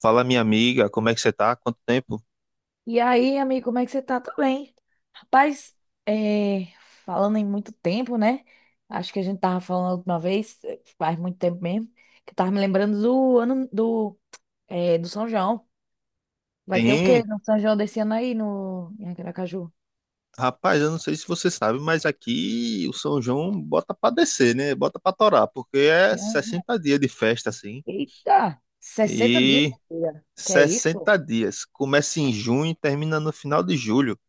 Fala, minha amiga, como é que você tá? Quanto tempo? E aí, amigo, como é que você tá? Tudo bem? Rapaz, é, falando em muito tempo, né? Acho que a gente tava falando a última vez, faz muito tempo mesmo, que eu tava me lembrando do ano do São João. Vai ter o quê Sim, no São João desse ano aí no, em Aracaju? rapaz, eu não sei se você sabe, mas aqui o São João bota pra descer, né? Bota pra torar, porque é Hum. 60 dias de festa, assim. Eita! 60 dias, E minha filha. Que é isso, pô? 60 dias. Começa em junho e termina no final de julho.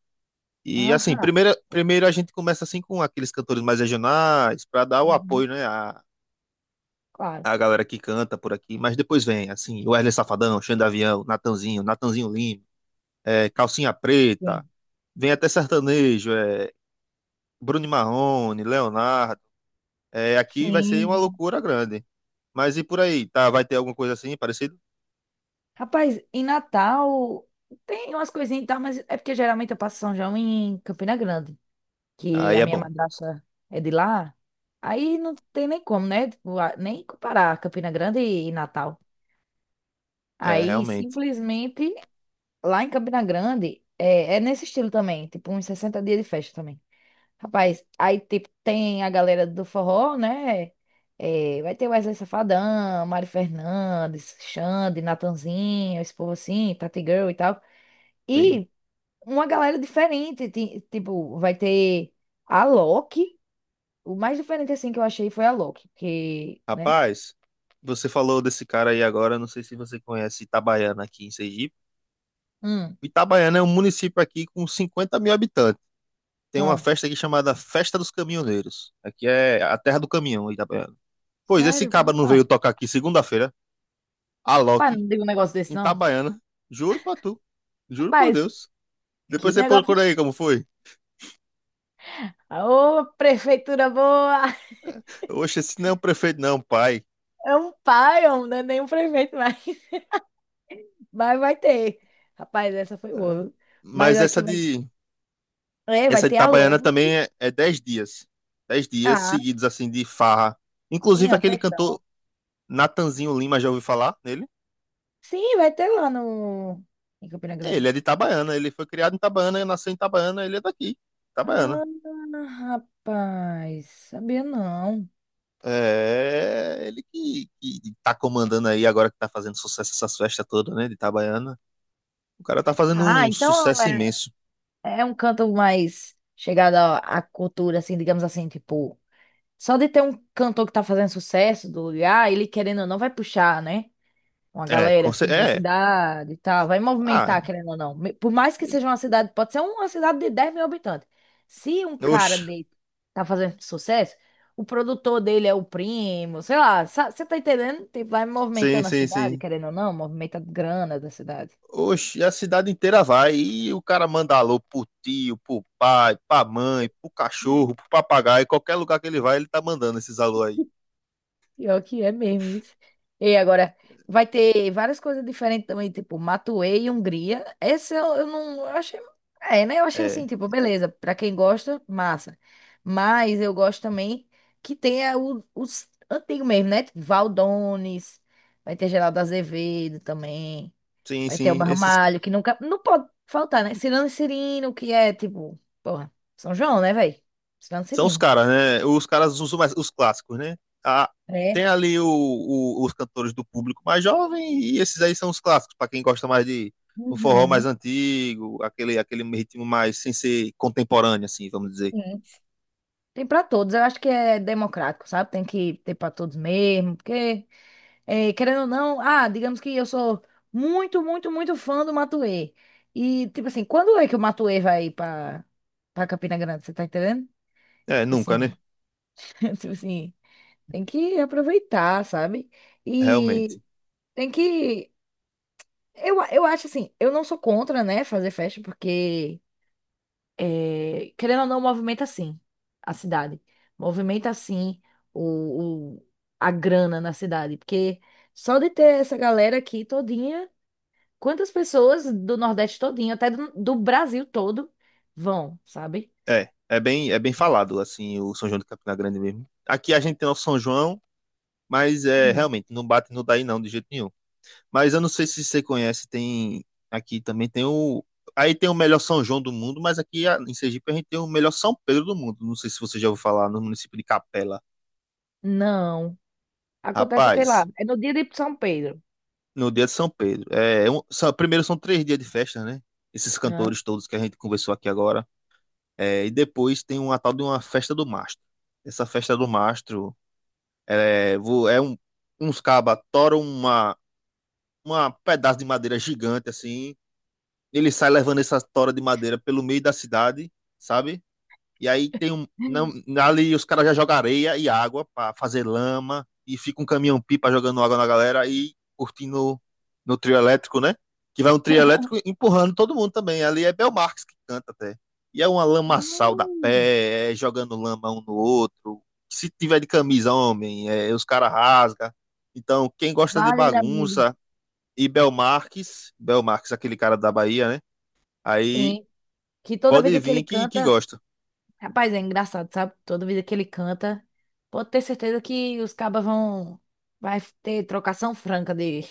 E assim, Aham. primeiro a gente começa assim com aqueles cantores mais regionais, pra dar o Uhum. apoio, né? Claro. A galera que canta por aqui, mas depois vem, assim, o Wesley Safadão, Xand Avião, Natanzinho, Natanzinho Lima, Calcinha Preta. Sim. Vem até sertanejo, é Bruno e Marrone, Leonardo. É, aqui vai ser uma Sim. loucura grande. Mas e por aí? Tá, vai ter alguma coisa assim parecido? Rapaz, em Natal tem umas coisinhas e tal, mas é porque geralmente eu passo São João em Campina Grande, que Aí a é minha bom. madrasta é de lá, aí não tem nem como, né? Tipo, nem comparar Campina Grande e Natal. É, Aí realmente. simplesmente lá em Campina Grande é nesse estilo também, tipo uns 60 dias de festa também. Rapaz, aí tipo tem a galera do forró, né? É, vai ter Wesley Safadão, Mari Fernandes, Xande, Natanzinho, esse povo assim, Tati Girl e tal. Sim. E uma galera diferente, tipo, vai ter a Loki. O mais diferente, assim, que eu achei foi a Loki, porque, né? Rapaz, você falou desse cara aí agora, não sei se você conhece Itabaiana aqui em Sergipe. Hum. Itabaiana é um município aqui com 50 mil habitantes. Tem uma Ah, festa aqui chamada Festa dos Caminhoneiros. Aqui é a terra do caminhão, Itabaiana. Pois esse sério? cabra Como não veio não? tocar aqui segunda-feira, Rapaz, Alok, não digo um negócio desse, em não. Itabaiana. Juro pra tu. Juro por Rapaz, Deus. que Depois você negócio. procura aí como foi. Ô, prefeitura boa! Oxe, esse não é o prefeito, não, pai. É um pai, não é nenhum prefeito, mais mas vai ter. Rapaz, essa foi É. boa. Viu? Mas Mas essa aqui vai, de é, vai essa de ter a Itabaiana Loki. também é 10 dias. Dez dias Ah, seguidos, assim, de farra. sim, Inclusive é um aquele festão. cantor Natanzinho Lima, já ouviu falar nele? Sim, vai ter lá no... em Campina Grande. Ele é de Itabaiana, ele foi criado em Itabaiana, nasceu em Itabaiana, ele é daqui, Itabaiana. Ah, rapaz, sabia não. É ele que tá comandando aí agora que tá fazendo sucesso essas festas todas, né, de Itabaiana. O cara tá fazendo Ah, um então sucesso é. imenso. É um canto mais chegado à cultura, assim, digamos assim, tipo, só de ter um cantor que tá fazendo sucesso do lugar, ele querendo ou não vai puxar, né? Uma É, galera assim da é. cidade e tal, vai Ah, movimentar, querendo ou não. Por mais que seja uma cidade, pode ser uma cidade de 10 mil habitantes. Se um cara oxe. de tá fazendo sucesso, o produtor dele é o primo, sei lá, você tá entendendo? Tipo, vai Sim, movimentando a sim, cidade, sim. querendo ou não, movimenta grana da cidade. Oxe, a cidade inteira vai. E o cara manda alô pro tio, pro pai, pra mãe, pro cachorro, pro papagaio. Qualquer lugar que ele vai, ele tá mandando esses alô aí. Pior que é mesmo isso. E agora, vai ter várias coisas diferentes também, tipo Matuê e Hungria. Essa eu não eu achei. É, né? Eu achei assim, É, tipo, beleza, pra quem gosta, massa. Mas eu gosto também que tenha os antigos mesmo, né? Tipo, Valdones, vai ter Geraldo Azevedo também, sim, vai ter o sim. Esses Barmalho, que nunca. Não pode faltar, né? Cirano e Cirino, que é tipo, porra, São João, né, velho? Cirano e são os Cirino. caras, né? Os caras usam mais os clássicos, né? Ah, É. tem ali os cantores do público mais jovem e esses aí são os clássicos, pra quem gosta mais de um forró mais Uhum. antigo, aquele ritmo mais sem ser contemporâneo, assim, vamos dizer. Sim. Tem para todos, eu acho que é democrático, sabe? Tem que ter para todos mesmo, porque, querendo ou não, ah, digamos que eu sou muito, muito, muito fã do Matuê. E, tipo assim, quando é que o Matuê vai para Campina Grande, você tá entendendo? É, Tipo nunca, né? assim, tipo assim, tem que aproveitar, sabe? E Realmente. tem que. Eu acho assim, eu não sou contra, né, fazer festa, porque querendo ou não, movimenta sim a cidade. Movimenta sim o, o- a grana na cidade. Porque só de ter essa galera aqui todinha, quantas pessoas do Nordeste todinho, até do Brasil todo, vão, sabe? É, é bem falado, assim, o São João de Campina Grande mesmo. Aqui a gente tem o São João, mas é Hum. realmente não bate no daí não, de jeito nenhum. Mas eu não sei se você conhece, tem aqui também tem o aí tem o melhor São João do mundo, mas aqui em Sergipe a gente tem o melhor São Pedro do mundo. Não sei se você já ouviu falar no município de Capela. Não. Acontece o que lá? Rapaz, É no dia de São Pedro, no dia de São Pedro, primeiro são três dias de festa, né? Esses né? cantores todos que a gente conversou aqui agora. É, e depois tem uma tal de uma festa do mastro. Essa festa do mastro É, vo- é um, uns cabas toram uma pedaço de madeira gigante assim. Ele sai levando essa tora de madeira pelo meio da cidade, sabe? E aí tem um. Não, ali os caras já jogam areia e água pra fazer lama. E fica um caminhão-pipa jogando água na galera e curtindo no trio elétrico, né? Que vai um trio elétrico empurrando todo mundo também. Ali é Belmarx que canta até. E é uma lamaçal da Hum. pé, é jogando lama um no outro. Se tiver de camisa, homem, é, os caras rasga. Então, quem gosta de Vale, amigo. bagunça e Belmarques, aquele cara da Bahia, né? Aí Sim. Que toda pode vez que ele vir que canta. gosta. Rapaz, é engraçado, sabe? Toda vez que ele canta, pode ter certeza que os cabas vão. Vai ter trocação franca de,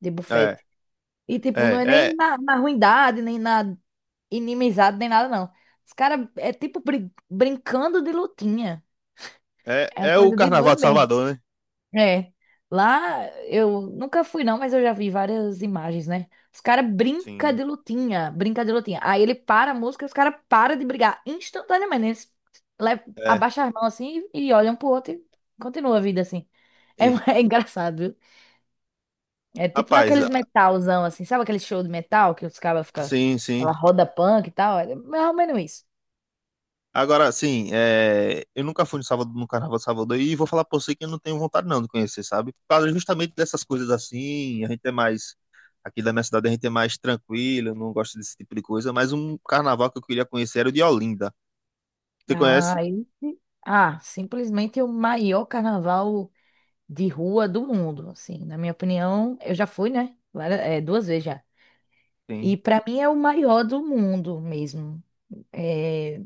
de É, bufete. E, tipo, não é, é nem é, na ruindade, nem na inimizade, nem nada, não. Os caras é tipo brincando de lutinha. É uma é o coisa de Carnaval doido de mesmo. Salvador, né? É, lá eu nunca fui não, mas eu já vi várias imagens, né? Os caras brinca Sim. de lutinha, brinca de lutinha. Aí ele para a música, os caras param de brigar instantaneamente. Eles É. abaixam as mãos assim e olham pro outro e continua a vida assim. É, E- é engraçado, viu? É tipo Rapaz, naqueles ah, metalzão assim, sabe aquele show de metal que os caras ficam, sim, sim. aquela roda punk e tal? É mais ou menos isso. Agora, sim, é, eu nunca fui no Salvador, no Carnaval de Salvador e vou falar pra você que eu não tenho vontade não de conhecer, sabe? Por causa justamente dessas coisas assim, a gente é mais, aqui da minha cidade a gente é mais tranquilo, eu não gosto desse tipo de coisa, mas um carnaval que eu queria conhecer era o de Olinda. Você Ah, conhece? Simplesmente o maior carnaval de rua do mundo, assim. Na minha opinião, eu já fui, né? 2 vezes já. E Sim. para mim é o maior do mundo mesmo. É,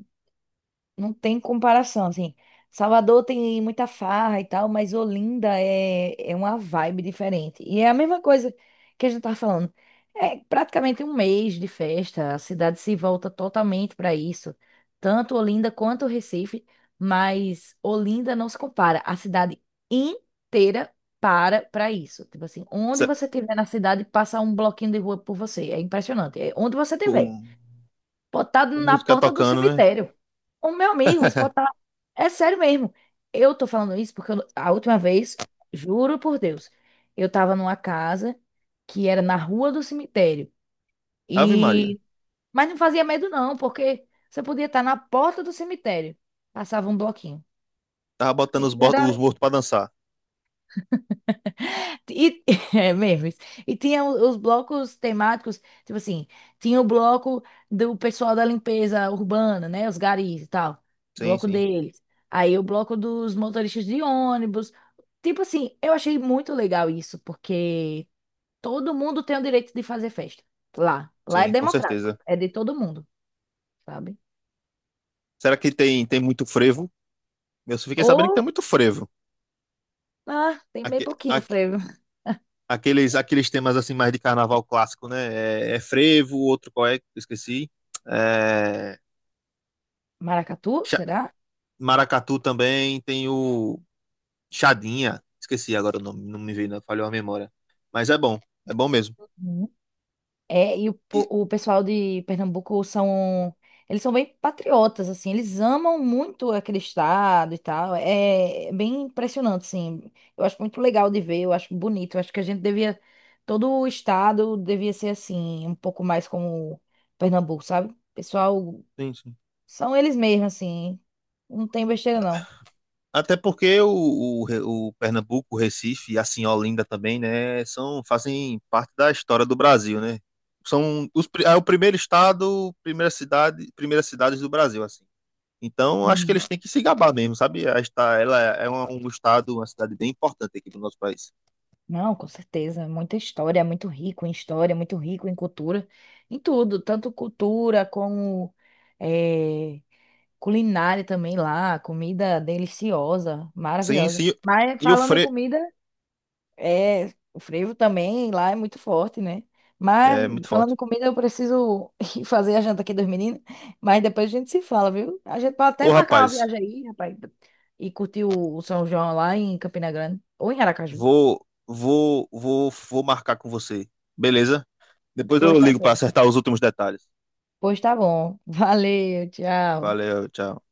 não tem comparação, assim. Salvador tem muita farra e tal, mas Olinda é uma vibe diferente. E é a mesma coisa que a gente tava falando. É praticamente um mês de festa, a cidade se volta totalmente para isso. Tanto Olinda quanto Recife, mas Olinda não se compara. A cidade inteira para para isso. Tipo assim, onde Cê- você estiver na cidade, passa um bloquinho de rua por você. É impressionante. É onde você estiver. Com, Pode estar com na música porta do tocando, né? cemitério. O meu amigo, você pode estar. É sério mesmo. Eu tô falando isso porque a última vez, juro por Deus, eu tava numa casa que era na rua do cemitério. Ave Maria. E... Mas não fazia medo, não, porque você podia estar na porta do cemitério. Passava um bloquinho. Tava botando Aí os Era mortos pra dançar. E, é mesmo isso. E tinha os blocos temáticos, tipo assim, tinha o bloco do pessoal da limpeza urbana, né? Os garis e tal. Sim, Bloco sim, deles. Aí o bloco dos motoristas de ônibus. Tipo assim, eu achei muito legal isso, porque todo mundo tem o direito de fazer festa. Lá. Lá é sim, com democrático. certeza. É de todo mundo, sabe? Será que tem, tem muito frevo? Eu só fiquei sabendo Ou, que tem muito frevo. ah, tem bem Aque- pouquinho aque- frevo. Aqueles, aqueles temas assim mais de carnaval clássico, né? É, é frevo, outro qual é? Esqueci. É, Maracatu, cha- será? maracatu também, tem o Chadinha. Esqueci agora o nome, não me veio, não, falhou a memória. Mas é bom mesmo. É, e o, po- E- o pessoal de Pernambuco são. Eles são bem patriotas, assim. Eles amam muito aquele estado e tal. É bem impressionante, assim. Eu acho muito legal de ver, eu acho bonito. Eu acho que a gente devia. Todo o estado devia ser assim, um pouco mais como Pernambuco, sabe? Pessoal, Sim, sim. são eles mesmos, assim. Não tem besteira, Até porque o Pernambuco, o Recife e assim Olinda também, né, são, fazem parte da história do Brasil, né? São os, pri- é o primeiro estado, primeira cidade, primeiras cidades do Brasil, assim. Então, acho que não. eles têm que se gabar mesmo, sabe? Ela é um estado, uma cidade bem importante aqui do nosso país. Não, com certeza, é muita história, é muito rico em história, é muito rico em cultura, em tudo, tanto cultura como eh, culinária também lá, comida deliciosa, Sim, maravilhosa. sim. Mas E o falando em Fre... comida, é, o frevo também lá é muito forte, né? Mas É muito falando forte. em comida, eu preciso ir fazer a janta aqui dos meninos, mas depois a gente se fala, viu? A gente pode até Ô, marcar uma rapaz, viagem aí, rapaz, e curtir o São João lá em Campina Grande ou em Aracaju. vou marcar com você, beleza? Depois eu Pois tá ligo para certo. acertar os últimos detalhes. Pois tá bom. Valeu, tchau. Valeu, tchau.